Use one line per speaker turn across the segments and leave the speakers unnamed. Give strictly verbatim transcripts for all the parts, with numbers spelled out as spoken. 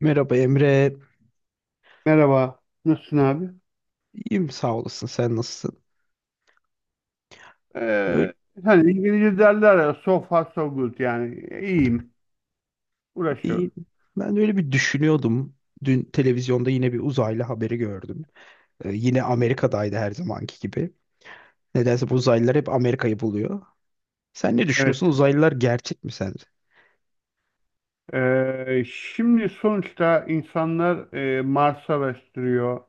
Merhaba Emre.
Merhaba. Nasılsın abi?
İyiyim sağ olasın. Sen nasılsın? Böyle
Ee, Hani İngilizce derler ya so far so good yani iyiyim.
iyiyim.
Uğraşıyorum.
Ben de öyle bir düşünüyordum. Dün televizyonda yine bir uzaylı haberi gördüm. Ee, yine Amerika'daydı her zamanki gibi. Nedense bu uzaylılar hep Amerika'yı buluyor. Sen ne düşünüyorsun?
Evet.
Uzaylılar gerçek mi sence?
Ee, şimdi sonuçta insanlar e, Mars'ı araştırıyor.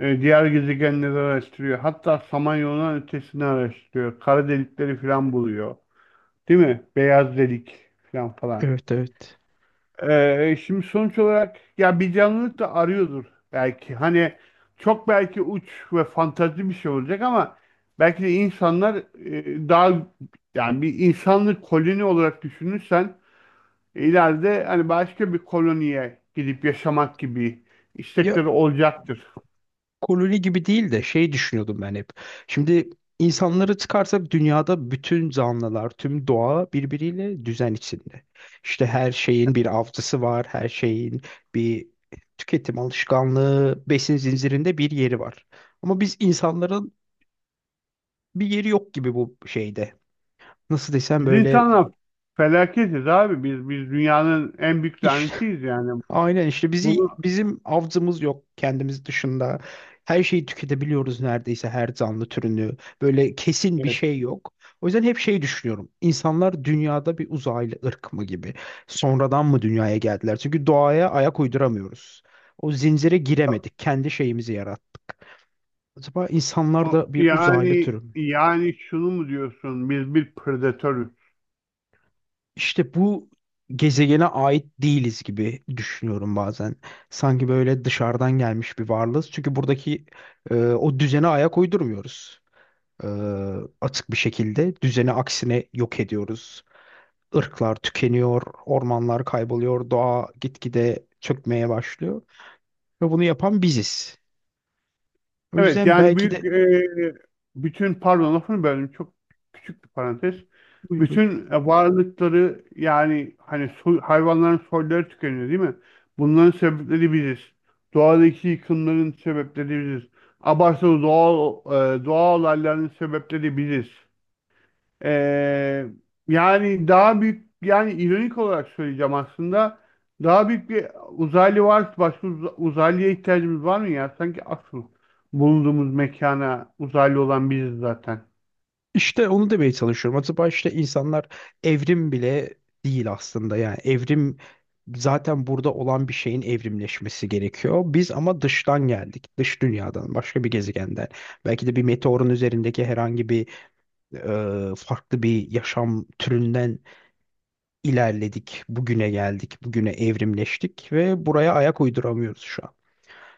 e, Diğer gezegenleri araştırıyor. Hatta Samanyolu'nun ötesini araştırıyor. Kara delikleri falan buluyor. Değil mi? Beyaz delik falan falan.
Evet, evet.
Ee, şimdi sonuç olarak ya bir canlılık da arıyordur belki. Hani çok belki uç ve fantazi bir şey olacak ama belki de insanlar e, daha, yani bir insanlık koloni olarak düşünürsen ileride hani başka bir koloniye gidip yaşamak gibi
Ya,
istekleri olacaktır.
koloni gibi değil de şey düşünüyordum ben hep. Şimdi insanları çıkarsak dünyada bütün canlılar, tüm doğa birbiriyle düzen içinde. İşte her şeyin bir avcısı var, her şeyin bir tüketim alışkanlığı, besin zincirinde bir yeri var. Ama biz insanların bir yeri yok gibi bu şeyde. Nasıl desem,
Biz
böyle
insanlar felaketiz abi. Biz biz dünyanın en büyük
iş
lanetiyiz yani.
aynen işte, bizi
Bunu
bizim avcımız yok kendimiz dışında. Her şeyi tüketebiliyoruz neredeyse her canlı türünü. Böyle kesin bir
Evet.
şey yok. O yüzden hep şey düşünüyorum. İnsanlar dünyada bir uzaylı ırk mı gibi. Sonradan mı dünyaya geldiler? Çünkü doğaya ayak uyduramıyoruz. O zincire giremedik. Kendi şeyimizi yarattık. Acaba insanlar
o-
da bir uzaylı
yani
türü mü?
yani şunu mu diyorsun? Biz bir predatörüz.
İşte bu gezegene ait değiliz gibi düşünüyorum bazen. Sanki böyle dışarıdan gelmiş bir varlığız. Çünkü buradaki e, o düzene ayak uydurmuyoruz. E, Açık bir şekilde düzeni aksine yok ediyoruz. Irklar tükeniyor, ormanlar kayboluyor, doğa gitgide çökmeye başlıyor. Ve bunu yapan biziz. O
Evet,
yüzden
yani
belki
büyük,
de...
e, bütün, pardon, lafını böldüm, çok küçük bir parantez.
Buyur, buyur.
Bütün e, varlıkları, yani hani soy- hayvanların soyları tükeniyor, değil mi? Bunların sebepleri biziz. Doğadaki yıkımların sebepleri biziz. Abartılı doğal e, doğal olayların sebepleri biziz. Ee, Yani daha büyük, yani ironik olarak söyleyeceğim, aslında daha büyük bir uzaylı var, başka uz- uzaylıya ihtiyacımız var mı ya? Sanki asıl bulunduğumuz mekana uzaylı olan biziz zaten.
İşte onu demeye çalışıyorum. Acaba işte insanlar evrim bile değil aslında. Yani evrim zaten burada olan bir şeyin evrimleşmesi gerekiyor. Biz ama dıştan geldik. Dış dünyadan, başka bir gezegenden. Belki de bir meteorun üzerindeki herhangi bir e, farklı bir yaşam türünden ilerledik. Bugüne geldik, bugüne evrimleştik ve buraya ayak uyduramıyoruz şu an.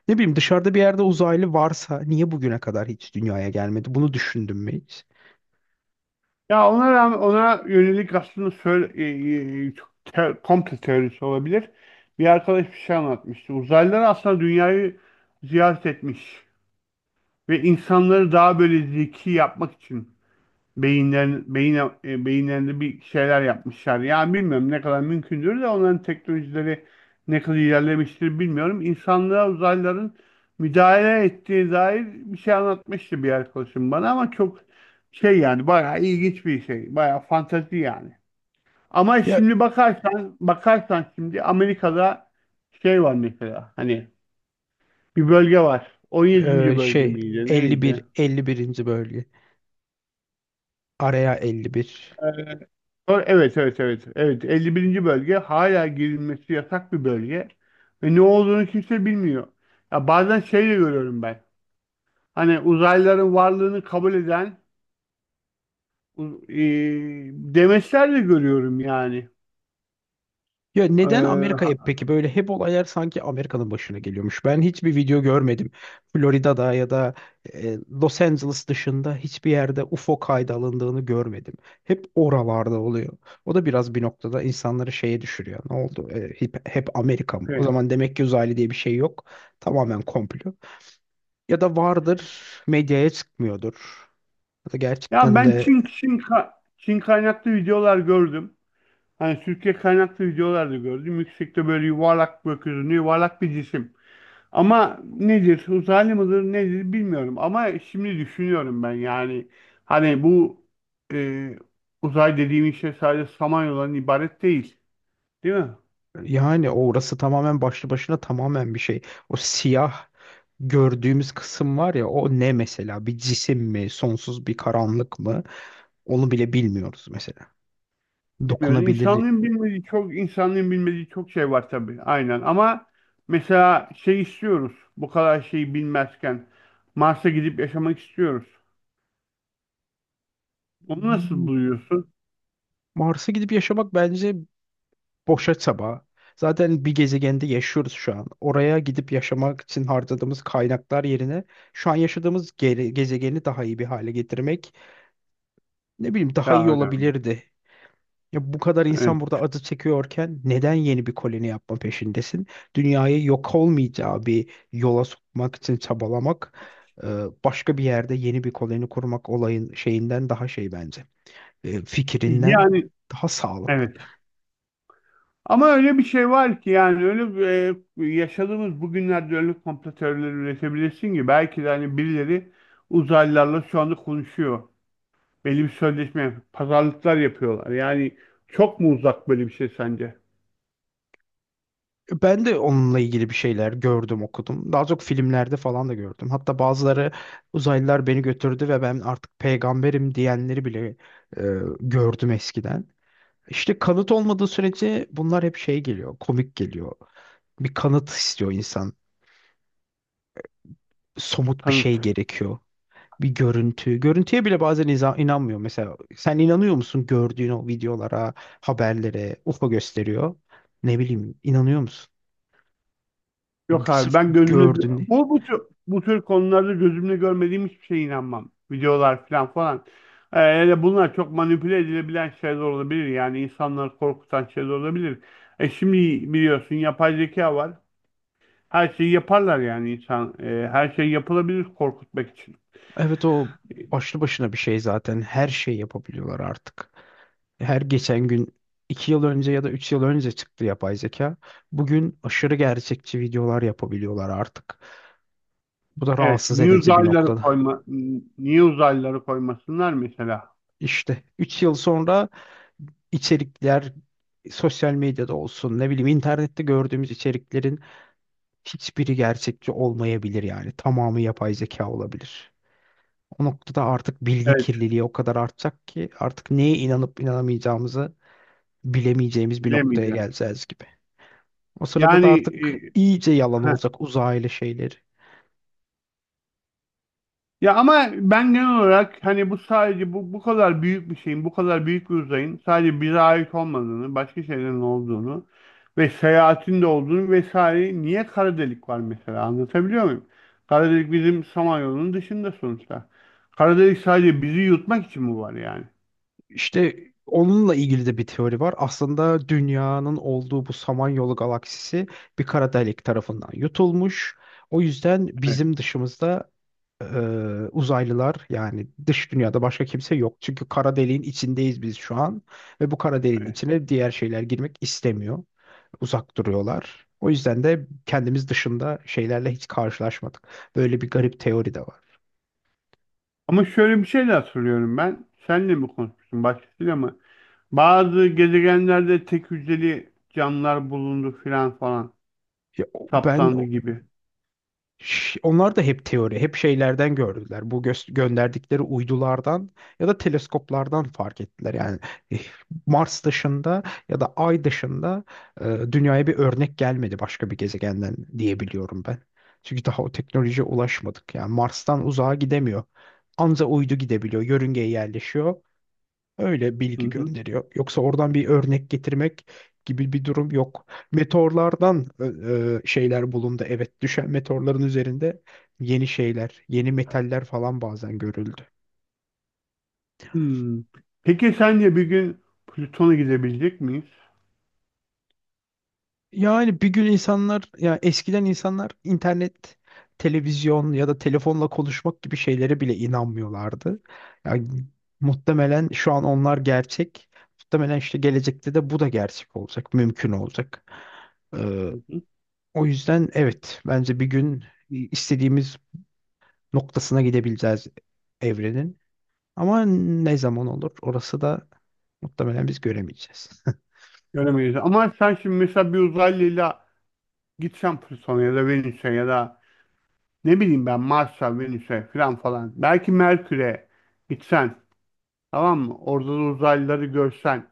Ne bileyim, dışarıda bir yerde uzaylı varsa niye bugüne kadar hiç dünyaya gelmedi? Bunu düşündün mü hiç?
Ya ona rağmen ona yönelik aslında söyle, e, e, çok te- komple teorisi olabilir. Bir arkadaş bir şey anlatmıştı. Uzaylılar aslında dünyayı ziyaret etmiş ve insanları daha böyle zeki yapmak için beyinler, beyin, e, beyinlerinde bir şeyler yapmışlar. Ya bilmiyorum ne kadar mümkündür de onların teknolojileri ne kadar ilerlemiştir, bilmiyorum. İnsanlığa uzaylıların müdahale ettiği dair bir şey anlatmıştı bir arkadaşım bana, ama çok şey, yani bayağı ilginç bir şey. Bayağı fantezi yani. Ama
Ya,
şimdi bakarsan bakarsan şimdi Amerika'da şey var mesela, hani bir bölge var. on
Ee,
yedinci bölge
şey
miydi?
elli bir
Neydi?
elli birinci bölge. Araya elli bir.
Ee, Sonra- Evet, evet, evet. Evet, elli birinci bölge hala girilmesi yasak bir bölge. Ve ne olduğunu kimse bilmiyor. Ya bazen şey de görüyorum ben. Hani uzaylıların varlığını kabul eden u- e, demeçler de görüyorum yani.
Ya, neden
Ee,
Amerika'ya
ha-
peki, böyle hep olaylar sanki Amerika'nın başına geliyormuş. Ben hiçbir video görmedim. Florida'da ya da e, Los Angeles dışında hiçbir yerde U F O kaydı alındığını görmedim. Hep oralarda oluyor. O da biraz bir noktada insanları şeye düşürüyor. Ne oldu? E, hep, hep Amerika mı? O
şey.
zaman demek ki uzaylı diye bir şey yok. Tamamen komplo. Ya da vardır, medyaya çıkmıyordur. Ya da
Ya
gerçekten
ben
de...
Çin, Çin, ka- Çin kaynaklı videolar gördüm. Hani Türkiye kaynaklı videolar da gördüm. Yüksekte böyle yuvarlak, gökyüzünde yuvarlak bir cisim. Ama nedir, uzaylı mıdır nedir, bilmiyorum. Ama şimdi düşünüyorum ben, yani hani bu e, uzay dediğimiz şey sadece Samanyolu'dan ibaret değil. Değil mi?
Yani orası tamamen başlı başına tamamen bir şey. O siyah gördüğümüz kısım var ya, o ne mesela? Bir cisim mi? Sonsuz bir karanlık mı? Onu bile bilmiyoruz mesela.
Bilmiyoruz.
Dokunabilir.
İnsanlığın bilmediği çok insanlığın bilmediği çok şey var tabii. Aynen ama mesela şey istiyoruz. Bu kadar şeyi bilmezken Mars'a gidip yaşamak istiyoruz. Onu nasıl
Hmm,
buluyorsun?
Mars'a gidip yaşamak bence boşa çaba. Zaten bir gezegende yaşıyoruz şu an. Oraya gidip yaşamak için harcadığımız kaynaklar yerine şu an yaşadığımız gere- gezegeni daha iyi bir hale getirmek, ne bileyim, daha iyi
Daha önemli.
olabilirdi. Ya bu kadar insan
Evet.
burada acı çekiyorken neden yeni bir koloni yapma peşindesin? Dünyayı yok olmayacağı bir yola sokmak için çabalamak, e, başka bir yerde yeni bir koloni kurmak olayın şeyinden daha şey bence. E, Fikrinden
Yani,
daha sağlıklı.
evet. Ama öyle bir şey var ki, yani öyle bir, e, yaşadığımız bugünlerde öyle komplo teorileri üretebilirsin ki belki de hani birileri uzaylılarla şu anda konuşuyor. Belli bir sözleşme, pazarlıklar yapıyorlar. Yani çok mu uzak böyle bir şey sence?
Ben de onunla ilgili bir şeyler gördüm, okudum. Daha çok filmlerde falan da gördüm. Hatta bazıları uzaylılar beni götürdü ve ben artık peygamberim diyenleri bile e, gördüm eskiden. İşte kanıt olmadığı sürece bunlar hep şey geliyor, komik geliyor. Bir kanıt istiyor insan. Somut bir şey
Kanıt.
gerekiyor. Bir görüntü. Görüntüye bile bazen iza- inanmıyor. Mesela sen inanıyor musun gördüğün o videolara, haberlere, U F O gösteriyor. Ne bileyim, inanıyor musun? Ya,
Yok abi,
sırf
ben gözümle
gördün.
bu bu tür, bu tür konularda gözümle görmediğim hiçbir şeye inanmam. Videolar falan falan. Ee, hele bunlar çok manipüle edilebilen şeyler olabilir. Yani insanları korkutan şeyler olabilir. E şimdi biliyorsun yapay zeka var. Her şeyi yaparlar yani insan. E, her şey yapılabilir korkutmak için.
Evet, o başlı başına bir şey zaten. Her şey yapabiliyorlar artık. Her geçen gün, iki yıl önce ya da üç yıl önce çıktı yapay zeka. Bugün aşırı gerçekçi videolar yapabiliyorlar artık. Bu da
Evet.
rahatsız
Niye
edici bir
uzaylıları
noktada.
koyma, niye uzaylıları koymasınlar mesela?
İşte üç yıl sonra içerikler, sosyal medyada olsun, ne bileyim, internette gördüğümüz içeriklerin hiçbiri gerçekçi olmayabilir yani. Tamamı yapay zeka olabilir. O noktada artık bilgi
Evet.
kirliliği o kadar artacak ki artık neye inanıp inanamayacağımızı bilemeyeceğimiz bir noktaya
Bilemeyeceğiz.
geleceğiz gibi. O sırada da
Yani,
artık iyice yalan
e,
olacak uzaylı şeyleri.
ya ama ben genel olarak hani bu sadece bu bu kadar büyük bir şeyin, bu kadar büyük bir uzayın sadece bize ait olmadığını, başka şeylerin olduğunu ve seyahatin de olduğunu vesaire, niye kara delik var mesela, anlatabiliyor muyum? Kara delik bizim Samanyolu'nun dışında sonuçta. Kara delik sadece bizi yutmak için mi var yani?
İşte onunla ilgili de bir teori var. Aslında dünyanın olduğu bu Samanyolu galaksisi bir kara delik tarafından yutulmuş. O yüzden
Evet,
bizim dışımızda e, uzaylılar, yani dış dünyada başka kimse yok. Çünkü kara deliğin içindeyiz biz şu an ve bu kara deliğin
evet.
içine diğer şeyler girmek istemiyor. Uzak duruyorlar. O yüzden de kendimiz dışında şeylerle hiç karşılaşmadık. Böyle bir garip teori de var.
Ama şöyle bir şey de hatırlıyorum ben. Senle mi konuşmuştun, başkasıyla mı? Bazı gezegenlerde tek hücreli canlılar bulundu filan falan,
Ya, o- ben...
saptandı gibi.
Ş- Onlar da hep teori, hep şeylerden gördüler. Bu gö- gönderdikleri uydulardan ya da teleskoplardan fark ettiler. Yani eh, Mars dışında ya da Ay dışında e, dünyaya bir örnek gelmedi başka bir gezegenden diyebiliyorum ben. Çünkü daha o teknolojiye ulaşmadık. Yani Mars'tan uzağa gidemiyor. Anca uydu gidebiliyor, yörüngeye yerleşiyor. Öyle
Hı
bilgi
hı.
gönderiyor. Yoksa oradan bir örnek getirmek gibi bir durum yok. Meteorlardan e, e, şeyler bulundu. Evet, düşen meteorların üzerinde yeni şeyler, yeni metaller falan bazen görüldü.
Hmm. Peki sence bir gün Plüton'a gidebilecek miyiz?
Yani bir gün insanlar, ya eskiden insanlar internet, televizyon ya da telefonla konuşmak gibi şeylere bile inanmıyorlardı. Yani muhtemelen şu an onlar gerçek. Muhtemelen işte gelecekte de bu da gerçek olacak, mümkün olacak.
Hı
Ee,
hı.
O yüzden evet, bence bir gün istediğimiz noktasına gidebileceğiz evrenin. Ama ne zaman olur orası da muhtemelen biz göremeyeceğiz.
Göremeyiz. Ama sen şimdi mesela bir uzaylıyla gitsen Plüton'a ya da Venüs'e ya da ne bileyim ben Mars'a, Venüs'e falan falan. Belki Merkür'e gitsen, tamam mı? Orada da uzaylıları görsen.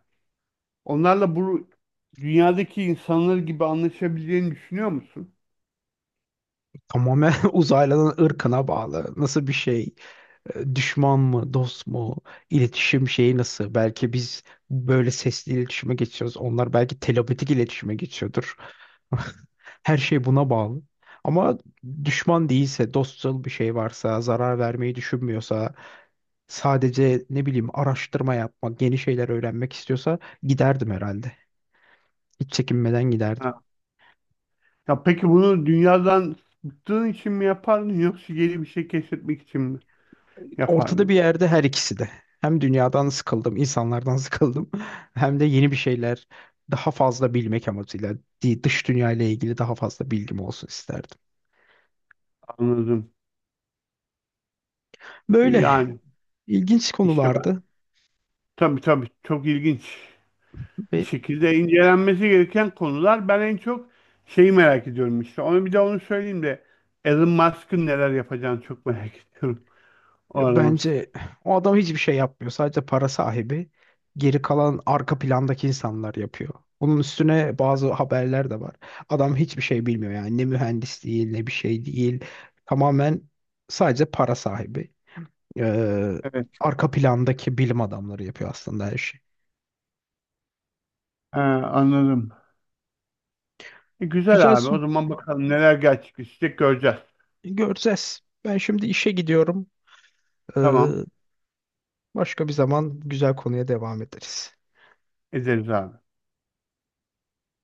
Onlarla bu dünyadaki insanlar gibi anlaşabileceğini düşünüyor musun?
Tamamen uzaylıların ırkına bağlı. Nasıl bir şey? E, düşman mı, dost mu, iletişim şeyi nasıl? Belki biz böyle sesli iletişime geçiyoruz. Onlar belki telepatik iletişime geçiyordur. Her şey buna bağlı. Ama düşman değilse, dostçıl bir şey varsa, zarar vermeyi düşünmüyorsa, sadece ne bileyim araştırma yapmak, yeni şeyler öğrenmek istiyorsa giderdim herhalde. Hiç çekinmeden giderdim.
Ha. Ya peki bunu dünyadan bıktığın için mi yapardın, yoksa yeni bir şey keşfetmek için mi
Ortada bir
yapardın?
yerde, her ikisi de. Hem dünyadan sıkıldım, insanlardan sıkıldım. Hem de yeni bir şeyler, daha fazla bilmek amacıyla di- dış dünya ile ilgili daha fazla bilgim olsun isterdim.
Anladım.
Böyle
Yani,
ilginç
İşte ben,
konulardı.
tabii tabii, çok ilginç bir
Ve
şekilde incelenmesi gereken konular. Ben en çok şeyi merak ediyorum işte. Onu, bir de onu söyleyeyim de, Elon Musk'ın neler yapacağını çok merak ediyorum, o adamın.
bence o adam hiçbir şey yapmıyor. Sadece para sahibi. Geri kalan arka plandaki insanlar yapıyor. Bunun üstüne bazı haberler de var. Adam hiçbir şey bilmiyor yani, ne mühendis değil ne bir şey değil. Tamamen sadece para sahibi. Ee,
Evet.
Arka plandaki bilim adamları yapıyor aslında her şeyi.
He, anladım. E, güzel
Güzel
abi. O
su.
zaman bakalım neler gerçekleşecek, göreceğiz.
Göreceğiz. Ben şimdi işe gidiyorum. Ee,
Tamam.
Başka bir zaman güzel konuya devam ederiz.
Ederiz abi.